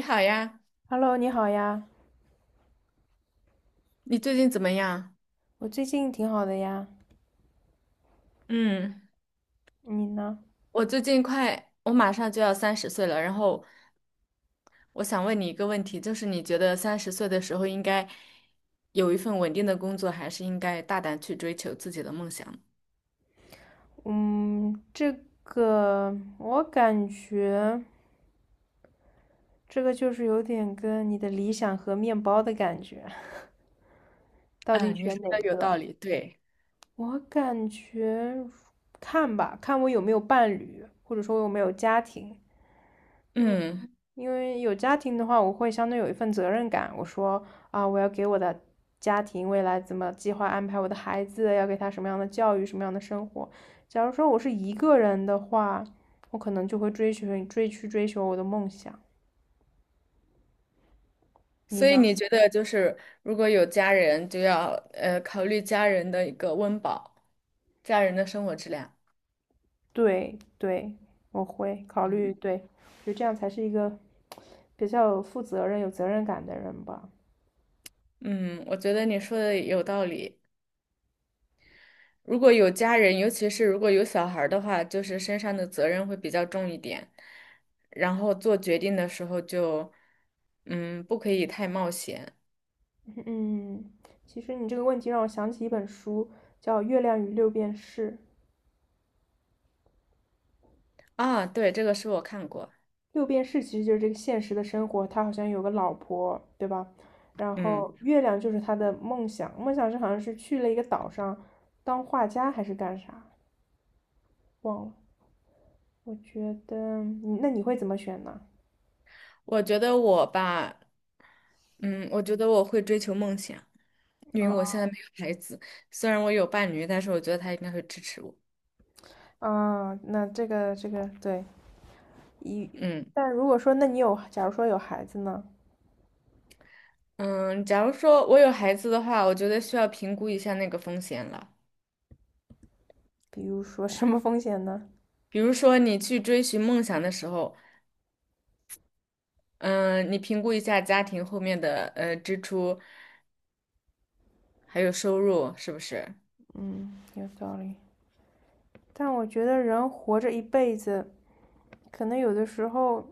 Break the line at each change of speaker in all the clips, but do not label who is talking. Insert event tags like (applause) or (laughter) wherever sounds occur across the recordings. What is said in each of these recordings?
你好呀，
Hello，你好呀，
你最近怎么样？
我最近挺好的呀，
嗯，
你呢？
我最近快，我马上就要三十岁了，然后我想问你一个问题，就是你觉得三十岁的时候应该有一份稳定的工作，还是应该大胆去追求自己的梦想？
嗯，这个我感觉这个就是有点跟你的理想和面包的感觉，(laughs) 到底
嗯，你
选
说
哪
的有
个？
道理，对。
我感觉看吧，看我有没有伴侣，或者说我有没有家庭。
嗯，
因为有家庭的话，我会相对有一份责任感。我说啊，我要给我的家庭未来怎么计划安排我的孩子，要给他什么样的教育，什么样的生活。假如说我是一个人的话，我可能就会追求我的梦想。你
所以
呢？
你觉得就是如果有家人，就要考虑家人的一个温饱，家人的生活质量。
对对，我会考虑，
嗯
对，就这样才是一个比较有负责任、有责任感的人吧。
嗯，我觉得你说的有道理。如果有家人，尤其是如果有小孩儿的话，就是身上的责任会比较重一点，然后做决定的时候就，不可以太冒险。
嗯，其实你这个问题让我想起一本书，叫《月亮与六便士》。
啊。对，这个是我看过。
六便士其实就是这个现实的生活，他好像有个老婆，对吧？然
嗯，
后月亮就是他的梦想，梦想是好像是去了一个岛上当画家还是干啥，忘了。我觉得，你那你会怎么选呢？
我觉得我吧。嗯，我觉得我会追求梦想，因为我
啊
现在没有孩子，虽然我有伴侣，但是我觉得他应该会支持我。
啊，那这个对一，
嗯
但如果说那你有，假如说有孩子呢？
嗯。假如说我有孩子的话，我觉得需要评估一下那个风险了。
比如说什么风险呢？
比如说，你去追寻梦想的时候，嗯，你评估一下家庭后面的支出，还有收入，是不是？
嗯，有道理。但我觉得人活着一辈子，可能有的时候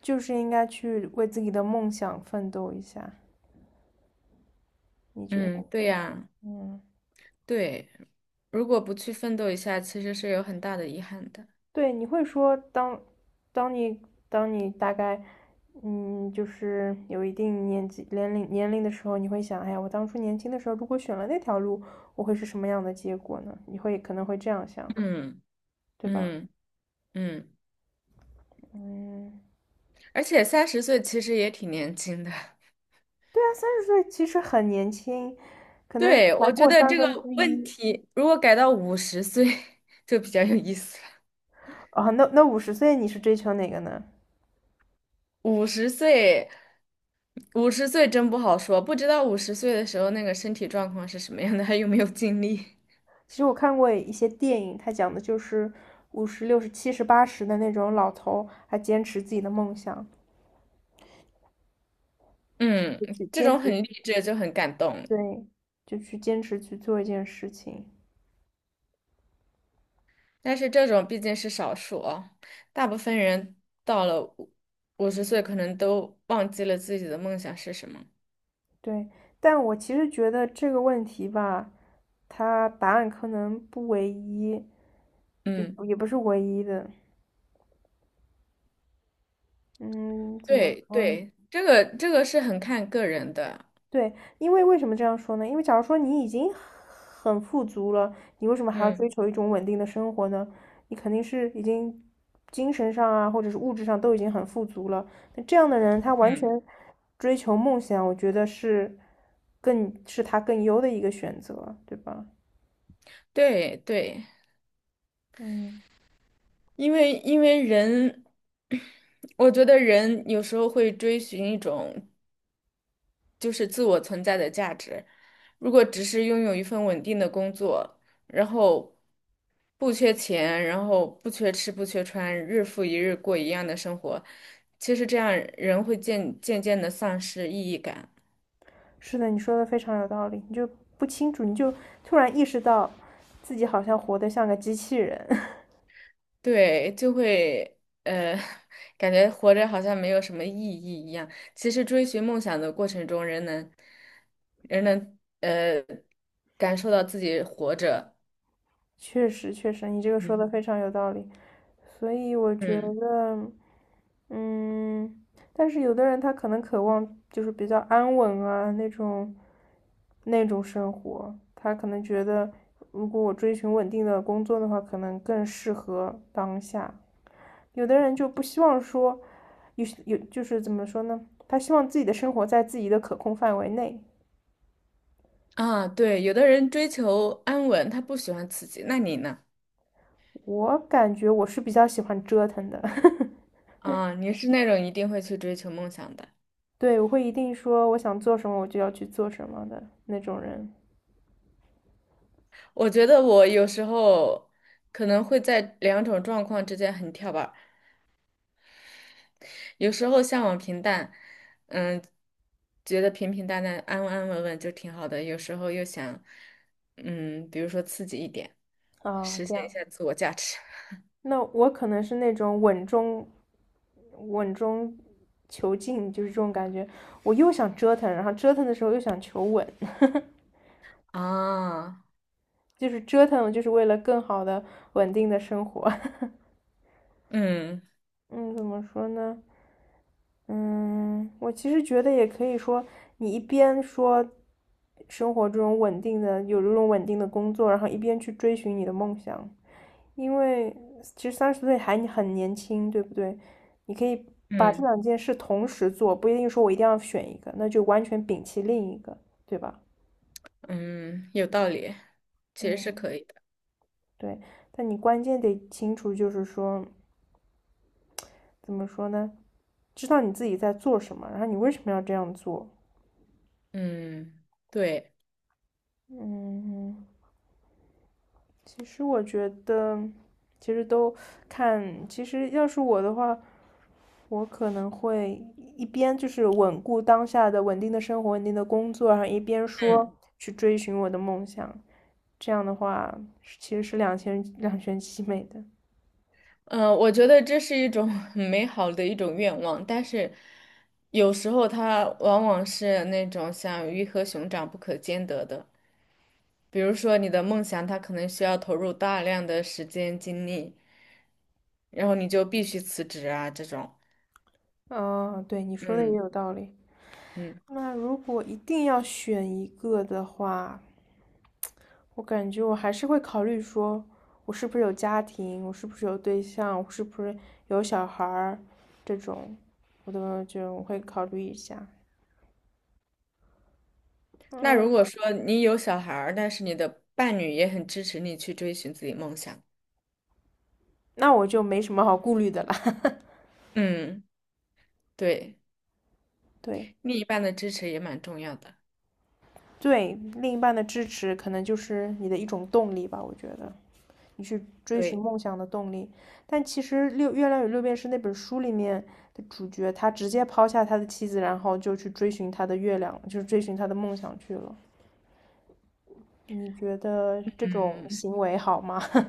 就是应该去为自己的梦想奋斗一下，你觉得？
嗯，对呀，
嗯，
对。如果不去奋斗一下，其实是有很大的遗憾的。
对，你会说当你当你大概，嗯，就是有一定年龄的时候，你会想，哎呀，我当初年轻的时候如果选了那条路，我会是什么样的结果呢？你会可能会这样想，
嗯
对吧？
嗯嗯，
嗯，
而且三十岁其实也挺年轻的。(laughs)
对啊，三十岁其实很年轻，可能
对，
才
我觉
过
得
三
这个
分之
问
一
题如果改到五十岁 (laughs) 就比较有意思了。
啊。那50岁你是追求哪个呢？
50岁，五十岁真不好说，不知道五十岁的时候那个身体状况是什么样的，还有没有精力。
其实我看过一些电影，它讲的就是50、60、70、80的那种老头，还坚持自己的梦想，
嗯，
就去
这
坚
种
持，
很励志就很感动，
对，就去坚持去做一件事情，
但是这种毕竟是少数哦，大部分人到了五十岁，可能都忘记了自己的梦想是什么。
对。但我其实觉得这个问题吧，它答案可能不唯一，就
嗯，
也不是唯一的。嗯，怎么
对
说呢？
对，这个这个是很看个人的。
对，因为为什么这样说呢？因为假如说你已经很富足了，你为什么还要追
嗯
求一种稳定的生活呢？你肯定是已经精神上啊，或者是物质上都已经很富足了。那这样的人，他完全
嗯，
追求梦想，我觉得是更是他更优的一个选择，对吧？
对对，
嗯，
因为人，(coughs) (clears throat) 我觉得人有时候会追寻一种就是自我存在的价值。如果只是拥有一份稳定的工作，然后不缺钱，然后不缺吃，不缺穿，日复一日过一样的生活，其实这样人会渐渐的丧失意义感。
是的，你说的非常有道理。你就不清楚，你就突然意识到自己好像活得像个机器人。(laughs)
对，就会呃，(laughs) 感觉活着好像没有什么意义一样。其实追寻梦想的过程中，人能感受到自己活着。
确实，确实，你这个说
嗯
的非常有道理，所以我觉
嗯
得，嗯，但是有的人他可能渴望就是比较安稳啊那种，那种生活，他可能觉得如果我追寻稳定的工作的话，可能更适合当下。有的人就不希望说，就是怎么说呢？他希望自己的生活在自己的可控范围内。
啊，对，有的人追求安稳，他不喜欢刺激，那你呢？
我感觉我是比较喜欢折腾的。(laughs)
啊，你是那种一定会去追求梦想的。
对，我会一定说我想做什么，我就要去做什么的那种人。
我觉得我有时候可能会在两种状况之间很跳板儿，有时候向往平淡，嗯，觉得平平淡淡、安安稳稳就挺好的；有时候又想，嗯，比如说刺激一点，
啊，
实
这
现一
样。
下自我价值。
那我可能是那种稳中求进，就是这种感觉。我又想折腾，然后折腾的时候又想求稳，
啊。
(laughs) 就是折腾，就是为了更好的稳定的生活。
嗯
(laughs) 嗯，怎么说呢？嗯，我其实觉得也可以说，你一边说生活这种稳定的，有这种稳定的工作，然后一边去追寻你的梦想，因为其实三十岁还很年轻，对不对？你可以把这
嗯
两件事同时做，不一定说我一定要选一个，那就完全摒弃另一个，对吧？
嗯，有道理，其实是
嗯，
可以的。
对，但你关键得清楚，就是说怎么说呢？知道你自己在做什么，然后你为什么要这样做？
嗯，对。
嗯。其实我觉得，其实都看，其实要是我的话，我可能会一边就是稳固当下的稳定的生活、稳定的工作，然后一边
嗯。
说去追寻我的梦想。这样的话，是其实是两全其美的。
嗯，我觉得这是一种很美好的一种愿望，但是有时候它往往是那种像鱼和熊掌不可兼得的。比如说你的梦想，它可能需要投入大量的时间精力，然后你就必须辞职啊，这种。
嗯，对，你说的也
嗯
有道理。
嗯。
那如果一定要选一个的话，我感觉我还是会考虑说，我是不是有家庭，我是不是有对象，我是不是有小孩儿，这种，我都就我会考虑一下。
那
嗯，
如果说你有小孩儿，但是你的伴侣也很支持你去追寻自己梦想。
那我就没什么好顾虑的了。
嗯，对，
(laughs) 对
另一半的支持也蛮重要的。
对，另一半的支持可能就是你的一种动力吧，我觉得你去追寻
对。
梦想的动力。但其实《月亮与六便士》那本书里面的主角，他直接抛下他的妻子，然后就去追寻他的月亮，就是追寻他的梦想去了。你觉得这种
嗯。
行为好吗？(laughs)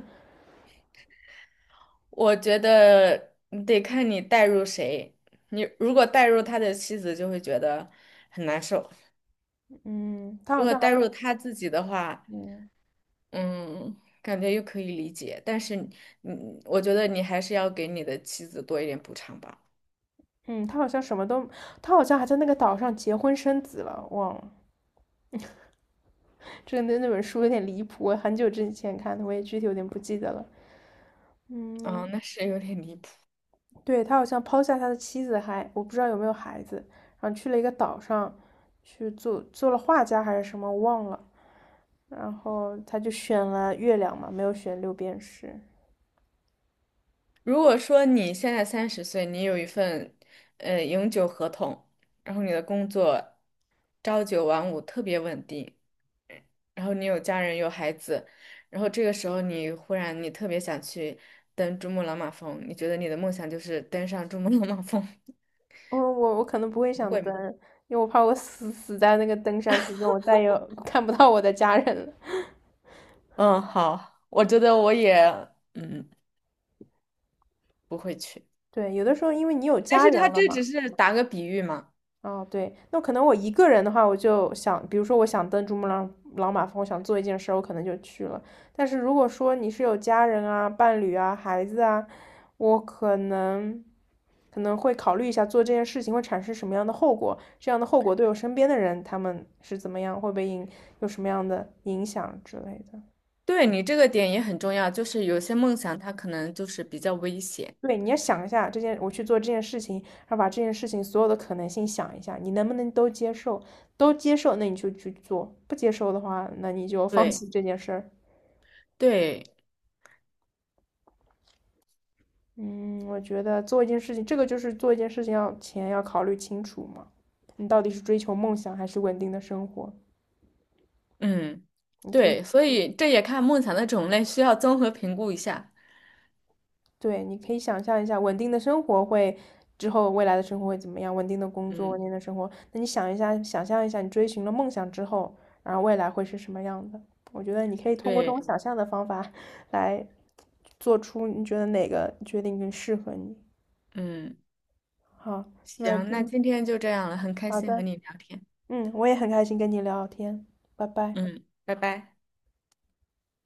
我觉得你得看你带入谁。你如果带入他的妻子，就会觉得很难受；
嗯，他
如
好
果
像还
带入
有，
他自己的话，
嗯
嗯，感觉又可以理解。但是你，嗯，我觉得你还是要给你的妻子多一点补偿吧。
嗯，他好像什么都，他好像还在那个岛上结婚生子了，忘了。这个那本书有点离谱，我很久之前看的，我也具体有点不记得了。嗯，
啊，那是有点离谱。
对，他好像抛下他的妻子还，我不知道有没有孩子，然后去了一个岛上去做了画家还是什么，我忘了。然后他就选了月亮嘛，没有选六便士。
如果说你现在三十岁，你有一份永久合同，然后你的工作朝九晚五，特别稳定。然后你有家人有孩子，然后这个时候你忽然你特别想去登珠穆朗玛峰，你觉得你的梦想就是登上珠穆朗玛峰。
嗯，我可能不会
(laughs) 你
想
会
登，
吗？
因为我怕我死在那个登山途中，我再也 (laughs) 看不到我的家人了。
(laughs) 嗯，好，我觉得我也，嗯，不会去。
对，有的时候因为你有
但
家
是
人
他
了
这只
嘛，
是打个比喻嘛。
哦，对，那可能我一个人的话，我就想，比如说我想登珠穆朗玛峰，我想做一件事儿，我可能就去了。但是如果说你是有家人啊、伴侣啊、孩子啊，我可能可能会考虑一下做这件事情会产生什么样的后果，这样的后果对我身边的人他们是怎么样，会被影有什么样的影响之类的。
对，你这个点也很重要，就是有些梦想它可能就是比较危险。
对，你要想一下这件，我去做这件事情，然后把这件事情所有的可能性想一下，你能不能都接受？都接受，那你就去做；不接受的话，那你就放
对
弃这件事儿。
对，
嗯，我觉得做一件事情，这个就是做一件事情要前要考虑清楚嘛，你到底是追求梦想还是稳定的生活？
嗯，
你可以。
对，所以这也看梦想的种类，需要综合评估一下。
对，你可以想象一下，稳定的生活会之后未来的生活会怎么样？稳定的工作，稳
嗯，
定的生活。那你想一下，想象一下，你追寻了梦想之后，然后未来会是什么样的？我觉得你可以通过这种
对。
想象的方法来做出你觉得哪个决定更适合你。
嗯。
好，那
行，那
今
今天就这样了，很开
好
心和
的，
你聊天。
嗯，我也很开心跟你聊天，拜拜。
嗯，拜拜。